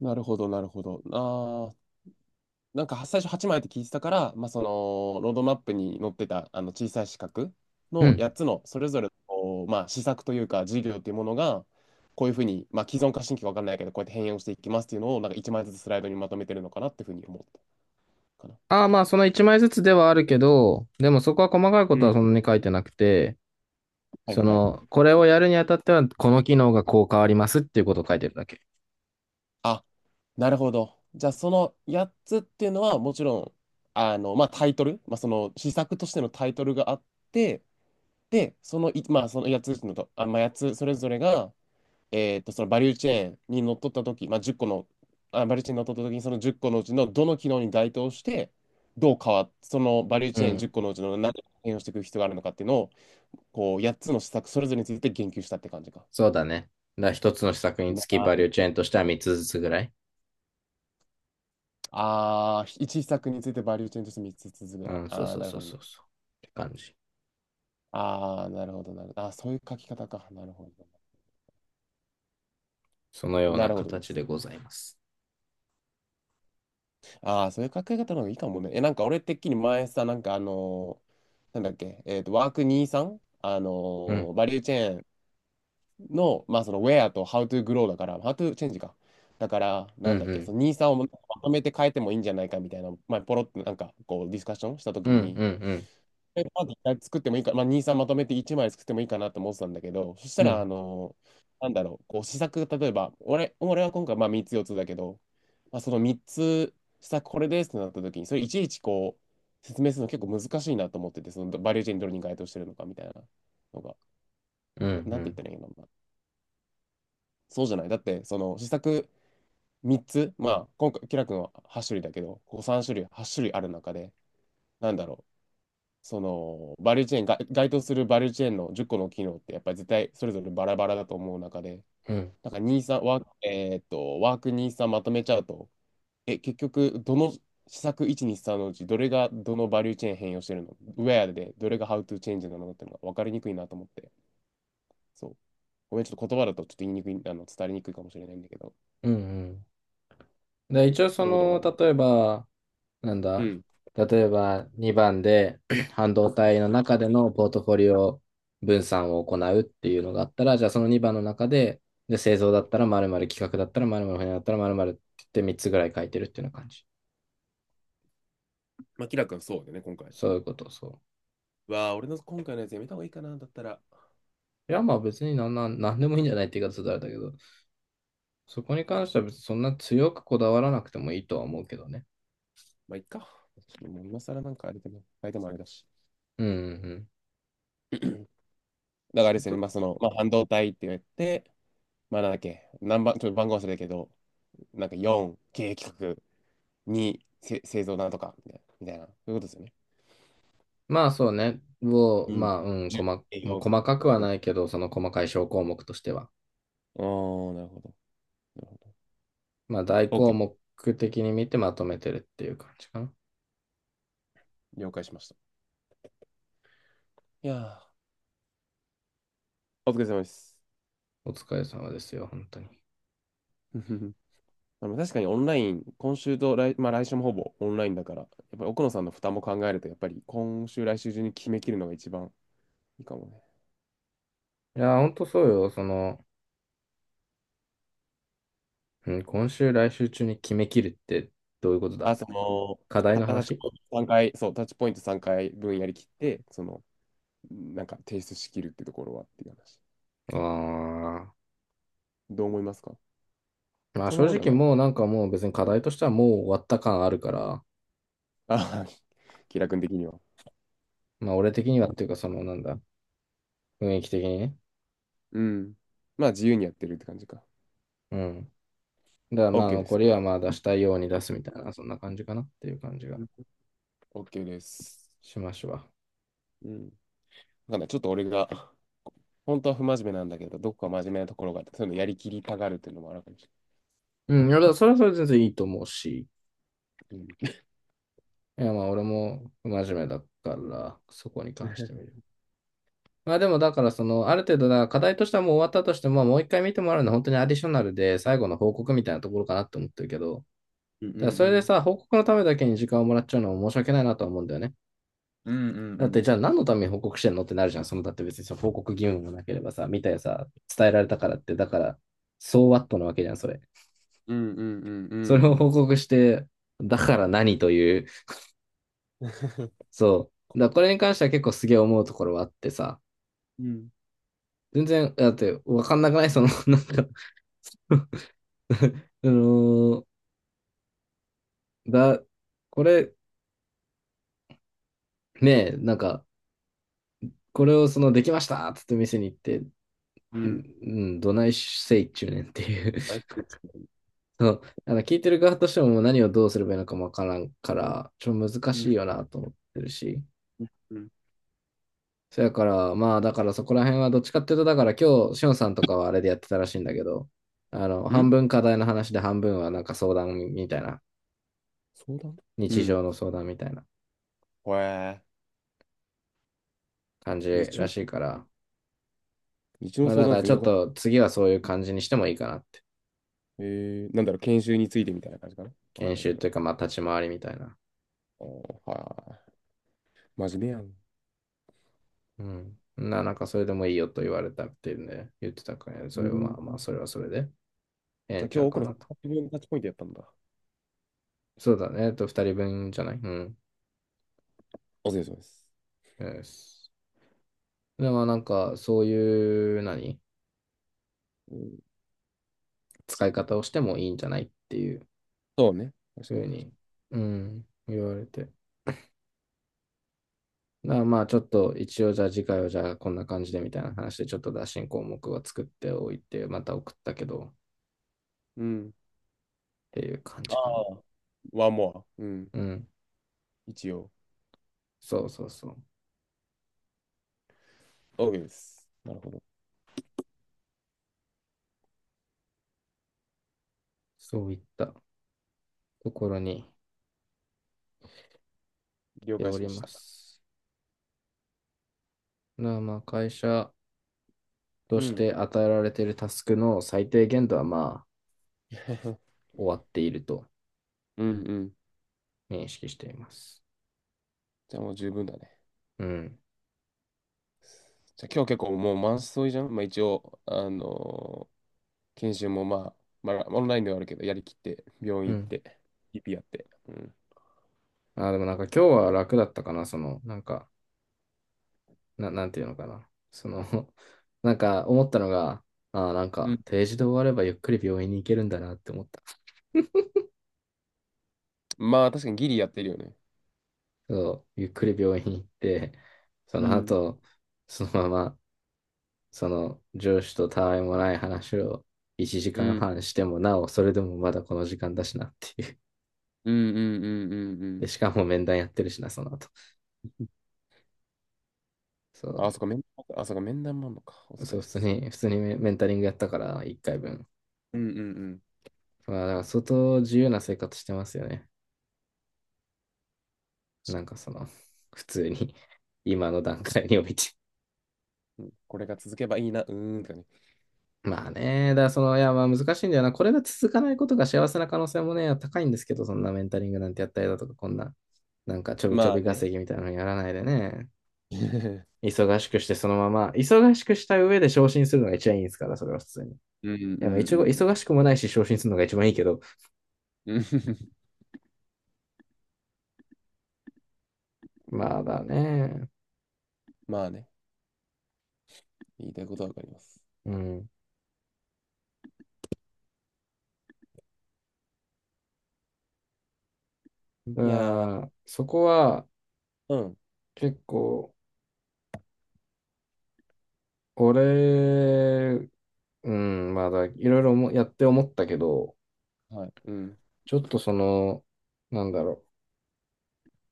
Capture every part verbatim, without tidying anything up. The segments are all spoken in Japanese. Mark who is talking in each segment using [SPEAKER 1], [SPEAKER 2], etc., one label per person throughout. [SPEAKER 1] なるほど、なるほど。ああ、なんかは最初はちまいって聞いてたから、まあ、その、ロードマップに載ってた、あの、小さい四角
[SPEAKER 2] う
[SPEAKER 1] の
[SPEAKER 2] ん。
[SPEAKER 1] やっつの、それぞれの、こうまあ、施策というか、事業というものが、こういうふうに、まあ、既存か新規か分かんないけど、こうやって変容していきますっていうのを、なんかいちまいずつスライドにまとめてるのかなっていうふうに思ったかな。
[SPEAKER 2] ああ、まあ、そのいちまいずつではあるけど、でもそこは細かいこ
[SPEAKER 1] う
[SPEAKER 2] とは
[SPEAKER 1] ん、
[SPEAKER 2] そんなに書いてなくて、
[SPEAKER 1] はい
[SPEAKER 2] そ
[SPEAKER 1] はい。
[SPEAKER 2] の、これをやるにあたっては、この機能がこう変わりますっていうことを書いてるだけ。
[SPEAKER 1] あ、なるほど。じゃあ、そのやっつっていうのは、もちろん、あの、まあ、タイトル、まあ、その、施策としてのタイトルがあって、で、そのい、まあ、そのやっつのと、あ、まあ、やっつそれぞれが、えーっと、そのバリューチェーンにのっとったとき、まあ、じゅっこの、あ、バリューチェーンにのっとったときに、そのじゅっこのうちのどの機能に該当して、どう変わっ、そのバリュー
[SPEAKER 2] う
[SPEAKER 1] チェーン10
[SPEAKER 2] ん。
[SPEAKER 1] 個のうちの何を変容していく必要があるのかっていうのを、こう、やっつの施策それぞれについて言及したって感じか。
[SPEAKER 2] そうだね。だから一つの施策につきバ
[SPEAKER 1] な、
[SPEAKER 2] リューチェーンとしてはみっつずつぐらい。
[SPEAKER 1] ああ、いち施策についてバリューチェーンとしてみっつずつぐ
[SPEAKER 2] う
[SPEAKER 1] らい。
[SPEAKER 2] ん、そう
[SPEAKER 1] ああ、
[SPEAKER 2] そう
[SPEAKER 1] なる
[SPEAKER 2] そ
[SPEAKER 1] ほ
[SPEAKER 2] う
[SPEAKER 1] どね。
[SPEAKER 2] そうそう、って感じ。
[SPEAKER 1] ああ、なるほど、なるほど。ああ、そういう書き方か。なるほどね。
[SPEAKER 2] そのよう
[SPEAKER 1] な
[SPEAKER 2] な
[SPEAKER 1] るほどで
[SPEAKER 2] 形
[SPEAKER 1] す。
[SPEAKER 2] でございます。
[SPEAKER 1] ああ、そういう考え方の方がいいかもね。え、なんか俺てっきり前さ、なんかあのーなんだっけ、えっと、ワークにじゅうさん、あの
[SPEAKER 2] うん、
[SPEAKER 1] ーバリューチェーンの、まあその、ウェアとハウトゥーグローだから、ハウトゥーチェンジか。だから、
[SPEAKER 2] うん、
[SPEAKER 1] なんだっ
[SPEAKER 2] う
[SPEAKER 1] け、そ
[SPEAKER 2] ん、
[SPEAKER 1] のにじゅうさんをまとめて変えてもいいんじゃないかみたいな、前ポロッとなんかこうディスカッションしたと
[SPEAKER 2] う
[SPEAKER 1] き
[SPEAKER 2] ん、う
[SPEAKER 1] に、
[SPEAKER 2] ん、
[SPEAKER 1] でまず一回作ってもいいか、まあ、に、さんまとめていちまい作ってもいいかなと思ってたんだけど、そし
[SPEAKER 2] う
[SPEAKER 1] たら、
[SPEAKER 2] ん、
[SPEAKER 1] あの、なんだろう、こう試作、例えば、俺、俺は今回まあみっつ、よっつだけど、まあ、そのみっつ、試作これですってなった時に、それいちいちこう、説明するの結構難しいなと思ってて、そのバリューチェーンどれに該当してるのかみたいなのが、
[SPEAKER 2] うん、うん、う
[SPEAKER 1] な、なんて言っ
[SPEAKER 2] ん、
[SPEAKER 1] たらいいのかな。そうじゃない。だって、その試作みっつ、まあ、今回、キラ君ははっ種類だけど、こうさん種類、はっ種類ある中で、なんだろう、そのバリューチェーンが該当するバリューチェーンのじゅっこの機能ってやっぱり絶対それぞれバラバラだと思う中で、
[SPEAKER 2] うん、
[SPEAKER 1] なんかにじゅうさんワーク、えーっと、ワークにじゅうさんまとめちゃうと、え、結局どの施策ひゃくにじゅうさんのうちどれがどのバリューチェーン変容してるのウェアでどれがハウトゥーチェンジなのっていうのが分かりにくいなと思って、そう、ごめん、ちょっと言葉だとちょっと言いにくい、あの伝わりにくいかもしれないんだけど、
[SPEAKER 2] うん。うんで、
[SPEAKER 1] 言
[SPEAKER 2] 一
[SPEAKER 1] っ
[SPEAKER 2] 応そ
[SPEAKER 1] てること分か
[SPEAKER 2] の、
[SPEAKER 1] るかな。
[SPEAKER 2] 例えば、なん
[SPEAKER 1] う
[SPEAKER 2] だ、
[SPEAKER 1] ん、
[SPEAKER 2] 例えばにばんで 半導体の中でのポートフォリオ分散を行うっていうのがあったら、じゃあそのにばんの中で、で製造だったら〇〇、企画だったら〇〇、船だったら〇〇って言ってみっつぐらい書いてるっていうような感じ。
[SPEAKER 1] まあキラ君そうだよね、今回。
[SPEAKER 2] そういうこと、そ
[SPEAKER 1] うわあ、俺の今回のやつやめた方がいいかな、だったら。
[SPEAKER 2] う。いや、まあ別になんなん、なんでもいいんじゃないって言い方だれだけど、そこに関しては別にそんな強くこだわらなくてもいいとは思うけどね。
[SPEAKER 1] まあいっか、もう今更なんかあれでも、相手もあれだし。
[SPEAKER 2] うんうん
[SPEAKER 1] だからあれ
[SPEAKER 2] う
[SPEAKER 1] で
[SPEAKER 2] ん。
[SPEAKER 1] すよね、
[SPEAKER 2] と
[SPEAKER 1] まあ、その、まあ、半導体って言って、まあ、なんだっけ、何番、ちょっと番号忘れたけど、なんかよん、経営企画、に、せ製造なんとか、みたいな、みたいなそういうことですよね。
[SPEAKER 2] まあそうね。を、
[SPEAKER 1] うん。
[SPEAKER 2] まあ、うん、
[SPEAKER 1] じゅう、
[SPEAKER 2] 細、
[SPEAKER 1] 営
[SPEAKER 2] もう
[SPEAKER 1] 業。
[SPEAKER 2] 細かくは
[SPEAKER 1] うん。
[SPEAKER 2] ないけど、その細かい小項目としては。
[SPEAKER 1] ああ、なるほど。なるほ
[SPEAKER 2] まあ、大
[SPEAKER 1] ど。
[SPEAKER 2] 項
[SPEAKER 1] OK。
[SPEAKER 2] 目的に見てまとめてるっていう感じかな。
[SPEAKER 1] 了解しました。いやー、お疲れ様です。
[SPEAKER 2] お疲れ様ですよ、本当に。い
[SPEAKER 1] ふふふ、あの確かにオンライン、今週と来、まあ、来週もほぼオンラインだから、やっぱり奥野さんの負担も考えると、やっぱり今週、来週中に決めきるのが一番いいかもね。
[SPEAKER 2] や本当そうよ。その、うん、今週、来週中に決めきるってどういうことだ。
[SPEAKER 1] あ、その
[SPEAKER 2] 課題
[SPEAKER 1] タ
[SPEAKER 2] の
[SPEAKER 1] ッチ
[SPEAKER 2] 話。
[SPEAKER 1] ポイント三回、そうタッチポイント三回分やり切って、そのなんか提出しきるってところはっていう話。
[SPEAKER 2] ああ、
[SPEAKER 1] どう思いますか？
[SPEAKER 2] まあ、
[SPEAKER 1] そん
[SPEAKER 2] 正
[SPEAKER 1] なことは
[SPEAKER 2] 直
[SPEAKER 1] ない。
[SPEAKER 2] もうなんかもう別に課題としてはもう終わった感あるから、
[SPEAKER 1] あ、気楽君的には、
[SPEAKER 2] まあ、俺的にはっていうか、その、なんだ、雰囲気的にね。
[SPEAKER 1] うん、まあ自由にやってるって感じか。
[SPEAKER 2] うん。だから
[SPEAKER 1] オッ
[SPEAKER 2] まあ、
[SPEAKER 1] ケーで
[SPEAKER 2] 残
[SPEAKER 1] す。
[SPEAKER 2] りはまあ出したいように出すみたいな、そんな感じかなっていう感じが
[SPEAKER 1] オッケーです。
[SPEAKER 2] しましわ。
[SPEAKER 1] うん。わかんない。ちょっと俺が本当は不真面目なんだけど、どこか真面目なところがあって、そのやりきりたがるっていうのもある感じ。
[SPEAKER 2] うん、いや、だからそれはそれで全然いいと思うし。
[SPEAKER 1] うん
[SPEAKER 2] いや、まあ、俺も不真面目だから、そこに関してみる。まあ、でも、だから、その、ある程度、だ課題としてはもう終わったとしても、まあ、もう一回見てもらうのは本当にアディショナルで、最後の報告みたいなところかなって思ってるけど、
[SPEAKER 1] うんう
[SPEAKER 2] だからそれで
[SPEAKER 1] ん
[SPEAKER 2] さ、報告のためだけに時間をもらっちゃうのも申し訳ないなとは思うんだよね。
[SPEAKER 1] うんうん
[SPEAKER 2] だっ
[SPEAKER 1] う
[SPEAKER 2] て、
[SPEAKER 1] ん
[SPEAKER 2] じゃあ何のために報告してんのってなるじゃん。その、だって別にその報告義務もなければさ、見たよさ、伝えられたか
[SPEAKER 1] う
[SPEAKER 2] らっ
[SPEAKER 1] ん
[SPEAKER 2] て、だから、そうワットなわけじゃん、それ。
[SPEAKER 1] うんうんうんう
[SPEAKER 2] そ
[SPEAKER 1] ん
[SPEAKER 2] れ
[SPEAKER 1] う
[SPEAKER 2] を
[SPEAKER 1] ん
[SPEAKER 2] 報告して、だから何という、
[SPEAKER 1] うんうん。
[SPEAKER 2] そう。だからこれに関しては結構すげえ思うところはあってさ、
[SPEAKER 1] うん
[SPEAKER 2] 全然、だってわかんなくない その、なんか あのーだ、これ、ねえ、なんか、これをその、できましたっつって店に行って、
[SPEAKER 1] う
[SPEAKER 2] う
[SPEAKER 1] ん。
[SPEAKER 2] ん、うんどないせいっちゅうねんっていう
[SPEAKER 1] は い。
[SPEAKER 2] その、あの、聞いてる側としてももう何をどうすればいいのかもわからんから、ちょっと難
[SPEAKER 1] う
[SPEAKER 2] し
[SPEAKER 1] ん。
[SPEAKER 2] いよなと思ってるし。
[SPEAKER 1] うん。
[SPEAKER 2] そやから、まあ、だからそこら辺はどっちかっていうと、だから今日、しおんさんとかはあれでやってたらしいんだけど、あの、
[SPEAKER 1] う
[SPEAKER 2] 半
[SPEAKER 1] ん、
[SPEAKER 2] 分課題の話で半分はなんか相談みたいな、
[SPEAKER 1] 相談。う
[SPEAKER 2] 日
[SPEAKER 1] ん。
[SPEAKER 2] 常の相談みたいな
[SPEAKER 1] へえ。
[SPEAKER 2] 感じ
[SPEAKER 1] 日
[SPEAKER 2] ら
[SPEAKER 1] 曜、
[SPEAKER 2] しいから、
[SPEAKER 1] 日曜
[SPEAKER 2] まあ
[SPEAKER 1] 相
[SPEAKER 2] だか
[SPEAKER 1] 談
[SPEAKER 2] ら
[SPEAKER 1] 全
[SPEAKER 2] ちょっ
[SPEAKER 1] 然わかん
[SPEAKER 2] と次はそういう感じにしてもいいかなって。
[SPEAKER 1] ない。えー、なんだろう、研修についてみたいな感じかな、わかん
[SPEAKER 2] 研
[SPEAKER 1] ないけ
[SPEAKER 2] 修
[SPEAKER 1] ど。
[SPEAKER 2] というかまあ立ち回りみたいな。
[SPEAKER 1] おー、はい。真面目やん。
[SPEAKER 2] うん。な、なんかそれでもいいよと言われたっていうんで言ってたからね。そ
[SPEAKER 1] う
[SPEAKER 2] れはま
[SPEAKER 1] ん。
[SPEAKER 2] あまあそれはそれでええ
[SPEAKER 1] じゃ
[SPEAKER 2] ん
[SPEAKER 1] あ
[SPEAKER 2] ちゃ
[SPEAKER 1] 今日
[SPEAKER 2] う
[SPEAKER 1] 奥
[SPEAKER 2] か
[SPEAKER 1] 野さん、
[SPEAKER 2] なと。
[SPEAKER 1] 自分のタッチポイントやったんだ。
[SPEAKER 2] そうだね。えっと、二人分じゃないうん。
[SPEAKER 1] お疲れ様です。
[SPEAKER 2] よしでもなんかそういう何
[SPEAKER 1] うん、
[SPEAKER 2] 使い方をしてもいいんじゃないっていう
[SPEAKER 1] そうね。
[SPEAKER 2] ふ
[SPEAKER 1] 確か
[SPEAKER 2] う
[SPEAKER 1] に確
[SPEAKER 2] に、
[SPEAKER 1] か
[SPEAKER 2] うん、言われて。だからまあちょっと一応じゃあ次回はじゃあこんな感じでみたいな話でちょっと打診項目は作っておいてまた送ったけどっ
[SPEAKER 1] に。うん。
[SPEAKER 2] ていう感
[SPEAKER 1] あ
[SPEAKER 2] じかな。
[SPEAKER 1] あ。ワンモア。うん。
[SPEAKER 2] うん。
[SPEAKER 1] 一応。
[SPEAKER 2] そうそうそう。
[SPEAKER 1] OK です。なるほど。
[SPEAKER 2] そういったところに来
[SPEAKER 1] 了
[SPEAKER 2] て
[SPEAKER 1] 解
[SPEAKER 2] お
[SPEAKER 1] し
[SPEAKER 2] り
[SPEAKER 1] まし
[SPEAKER 2] ま
[SPEAKER 1] た。
[SPEAKER 2] す。なあまあ会社と
[SPEAKER 1] う
[SPEAKER 2] し
[SPEAKER 1] ん。
[SPEAKER 2] て与えられているタスクの最低限度はまあ 終わっていると
[SPEAKER 1] うんうん。
[SPEAKER 2] 認識しています。
[SPEAKER 1] じゃあもう十分だね。
[SPEAKER 2] うん。
[SPEAKER 1] じゃあ今日結構もう満載じゃん。まあ一応、あのー研修もまあ、まあ、オンラインではあるけど、やりきって、病院
[SPEAKER 2] う
[SPEAKER 1] 行っ
[SPEAKER 2] ん。
[SPEAKER 1] て、ピーピー やって。うん。
[SPEAKER 2] あ、でもなんか今日は楽だったかな。その、なんか、な、なんていうのかな。その なんか思ったのが、あ、なん
[SPEAKER 1] う
[SPEAKER 2] か
[SPEAKER 1] ん。
[SPEAKER 2] 定時で終わればゆっくり病院に行けるんだなって思った。
[SPEAKER 1] まあ、確かにギリやってるよね。
[SPEAKER 2] そう、ゆっくり病院に行って、そ
[SPEAKER 1] う
[SPEAKER 2] の
[SPEAKER 1] ん。
[SPEAKER 2] 後、そのままその上司とたわいもない話を1
[SPEAKER 1] う
[SPEAKER 2] 時間
[SPEAKER 1] ん。
[SPEAKER 2] 半してもなお、それでもまだこの時間だしなっていう。
[SPEAKER 1] うんうんうんうんう
[SPEAKER 2] で、
[SPEAKER 1] ん。
[SPEAKER 2] しかも面談やってるしな、その後。そ
[SPEAKER 1] あ、そっか、面、あ、そっか、面談もあんのか。お
[SPEAKER 2] う。
[SPEAKER 1] 疲
[SPEAKER 2] そ
[SPEAKER 1] れ
[SPEAKER 2] う、
[SPEAKER 1] っ
[SPEAKER 2] 普通
[SPEAKER 1] す。
[SPEAKER 2] に、普通にメンタリングやったから、いっかいぶん。
[SPEAKER 1] うんうんうん。
[SPEAKER 2] まあ、だから相当自由な生活してますよね。
[SPEAKER 1] 確
[SPEAKER 2] な
[SPEAKER 1] か
[SPEAKER 2] ん
[SPEAKER 1] に
[SPEAKER 2] かその、普通に 今の段階において。
[SPEAKER 1] これが続けばいいな。うーんとかね。
[SPEAKER 2] まあね、だからその、いや、まあ難しいんだよな。これが続かないことが幸せな可能性もね、高いんですけど、そんなメンタリングなんてやったりだとか、こんな、なんかちょびちょ
[SPEAKER 1] まあ
[SPEAKER 2] び
[SPEAKER 1] ね。
[SPEAKER 2] 稼ぎみたいなのやらないでね、忙しくしてそのまま、忙しくした上で昇進するのが一番いいですから、それは普通に。い
[SPEAKER 1] うんう
[SPEAKER 2] や、まあ
[SPEAKER 1] ん
[SPEAKER 2] 一応、忙
[SPEAKER 1] うん。
[SPEAKER 2] しくもないし昇進するのが一番いいけど、
[SPEAKER 1] うん
[SPEAKER 2] まあだね。
[SPEAKER 1] まあね。言いたいことはわかります。
[SPEAKER 2] うん。だか
[SPEAKER 1] いや
[SPEAKER 2] らそこは
[SPEAKER 1] ー、うん。
[SPEAKER 2] 結構、俺、うん、まあだ、いろいろもやって思ったけど、
[SPEAKER 1] はい。うん。
[SPEAKER 2] ちょっとその、なんだろ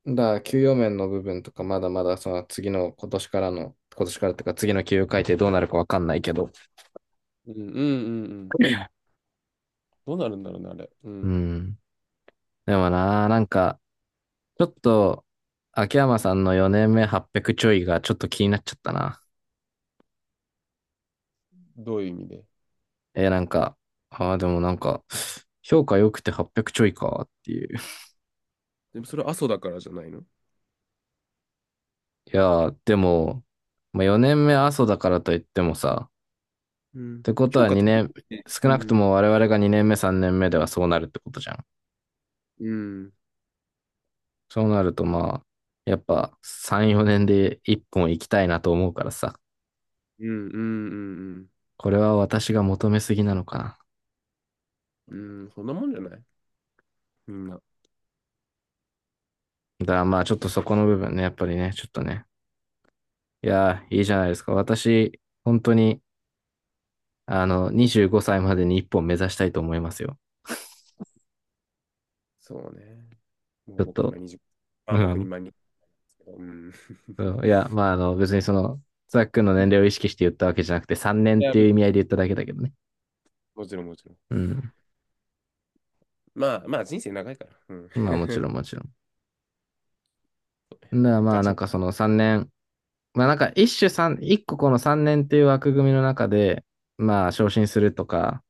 [SPEAKER 2] う。だから給与面の部分とか、まだまだその次の今年からの、今年からっていうか次の給与改定どうなるかわかんないけど。
[SPEAKER 1] うんうんうんうん。どうなるんだろうね、あれ。う
[SPEAKER 2] う
[SPEAKER 1] ん。
[SPEAKER 2] ん。でもな、なんか、ちょっと、秋山さんのよねんめはっぴゃくちょいがちょっと気になっちゃったな。
[SPEAKER 1] どういう意味で。
[SPEAKER 2] えーなんか、ああ、でもなんか、評価良くてはっぴゃくちょいかっていう。
[SPEAKER 1] でもそれは阿蘇だからじゃないの。
[SPEAKER 2] いやー、でも、まあ、よねんめ阿蘇だからといってもさ、
[SPEAKER 1] う
[SPEAKER 2] っ
[SPEAKER 1] ん。
[SPEAKER 2] てこと
[SPEAKER 1] 評
[SPEAKER 2] は
[SPEAKER 1] 価足り
[SPEAKER 2] にねん、
[SPEAKER 1] ないね。
[SPEAKER 2] 少
[SPEAKER 1] う
[SPEAKER 2] なくと
[SPEAKER 1] ん。
[SPEAKER 2] も我々がにねんめさんねんめではそうなるってことじゃん。
[SPEAKER 1] うん。
[SPEAKER 2] そうなるとまあ、やっぱさん、よねんでいっぽん行きたいなと思うからさ、
[SPEAKER 1] うん。うん。うん。
[SPEAKER 2] これは私が求めすぎなのかな。
[SPEAKER 1] うん。そんなもんじゃないみんな。
[SPEAKER 2] だからまあちょっとそこの部分ね、やっぱりね、ちょっとね、いやー、いいじゃないですか。私、本当に、あの、にじゅうごさいまでに一本目指したいと思いますよ。
[SPEAKER 1] そうね。もう
[SPEAKER 2] ちょっ
[SPEAKER 1] 僕今
[SPEAKER 2] と、
[SPEAKER 1] はたち。あ、
[SPEAKER 2] う
[SPEAKER 1] 僕
[SPEAKER 2] ん。
[SPEAKER 1] 今はたち。うん。
[SPEAKER 2] そうい や、まあ、あの、別にその、ザックの
[SPEAKER 1] い
[SPEAKER 2] 年齢を意識して言ったわけじゃなくて、さんねんっ
[SPEAKER 1] や、
[SPEAKER 2] ていう意味合いで言っただけだけどね。
[SPEAKER 1] もちろんもちろん。
[SPEAKER 2] うん。
[SPEAKER 1] まあまあ人生長いから。うん。や
[SPEAKER 2] まあ、もちろん、もちろ
[SPEAKER 1] っ
[SPEAKER 2] ん。
[SPEAKER 1] ぱ
[SPEAKER 2] だから
[SPEAKER 1] ね、
[SPEAKER 2] ま
[SPEAKER 1] ガ
[SPEAKER 2] あ、
[SPEAKER 1] チ
[SPEAKER 2] なん
[SPEAKER 1] ホ。
[SPEAKER 2] かそのさんねん、まあ、なんか一種三一個このさんねんっていう枠組みの中で、まあ、昇進するとか、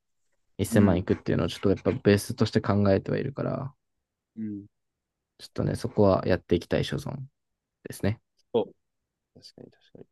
[SPEAKER 2] 1000
[SPEAKER 1] う
[SPEAKER 2] 万い
[SPEAKER 1] ん。
[SPEAKER 2] くっていうのをちょっとやっぱベースとして考えてはいるから、
[SPEAKER 1] うん。
[SPEAKER 2] ちょっとね、そこはやっていきたい所存ですね。
[SPEAKER 1] そう。確かに確かに。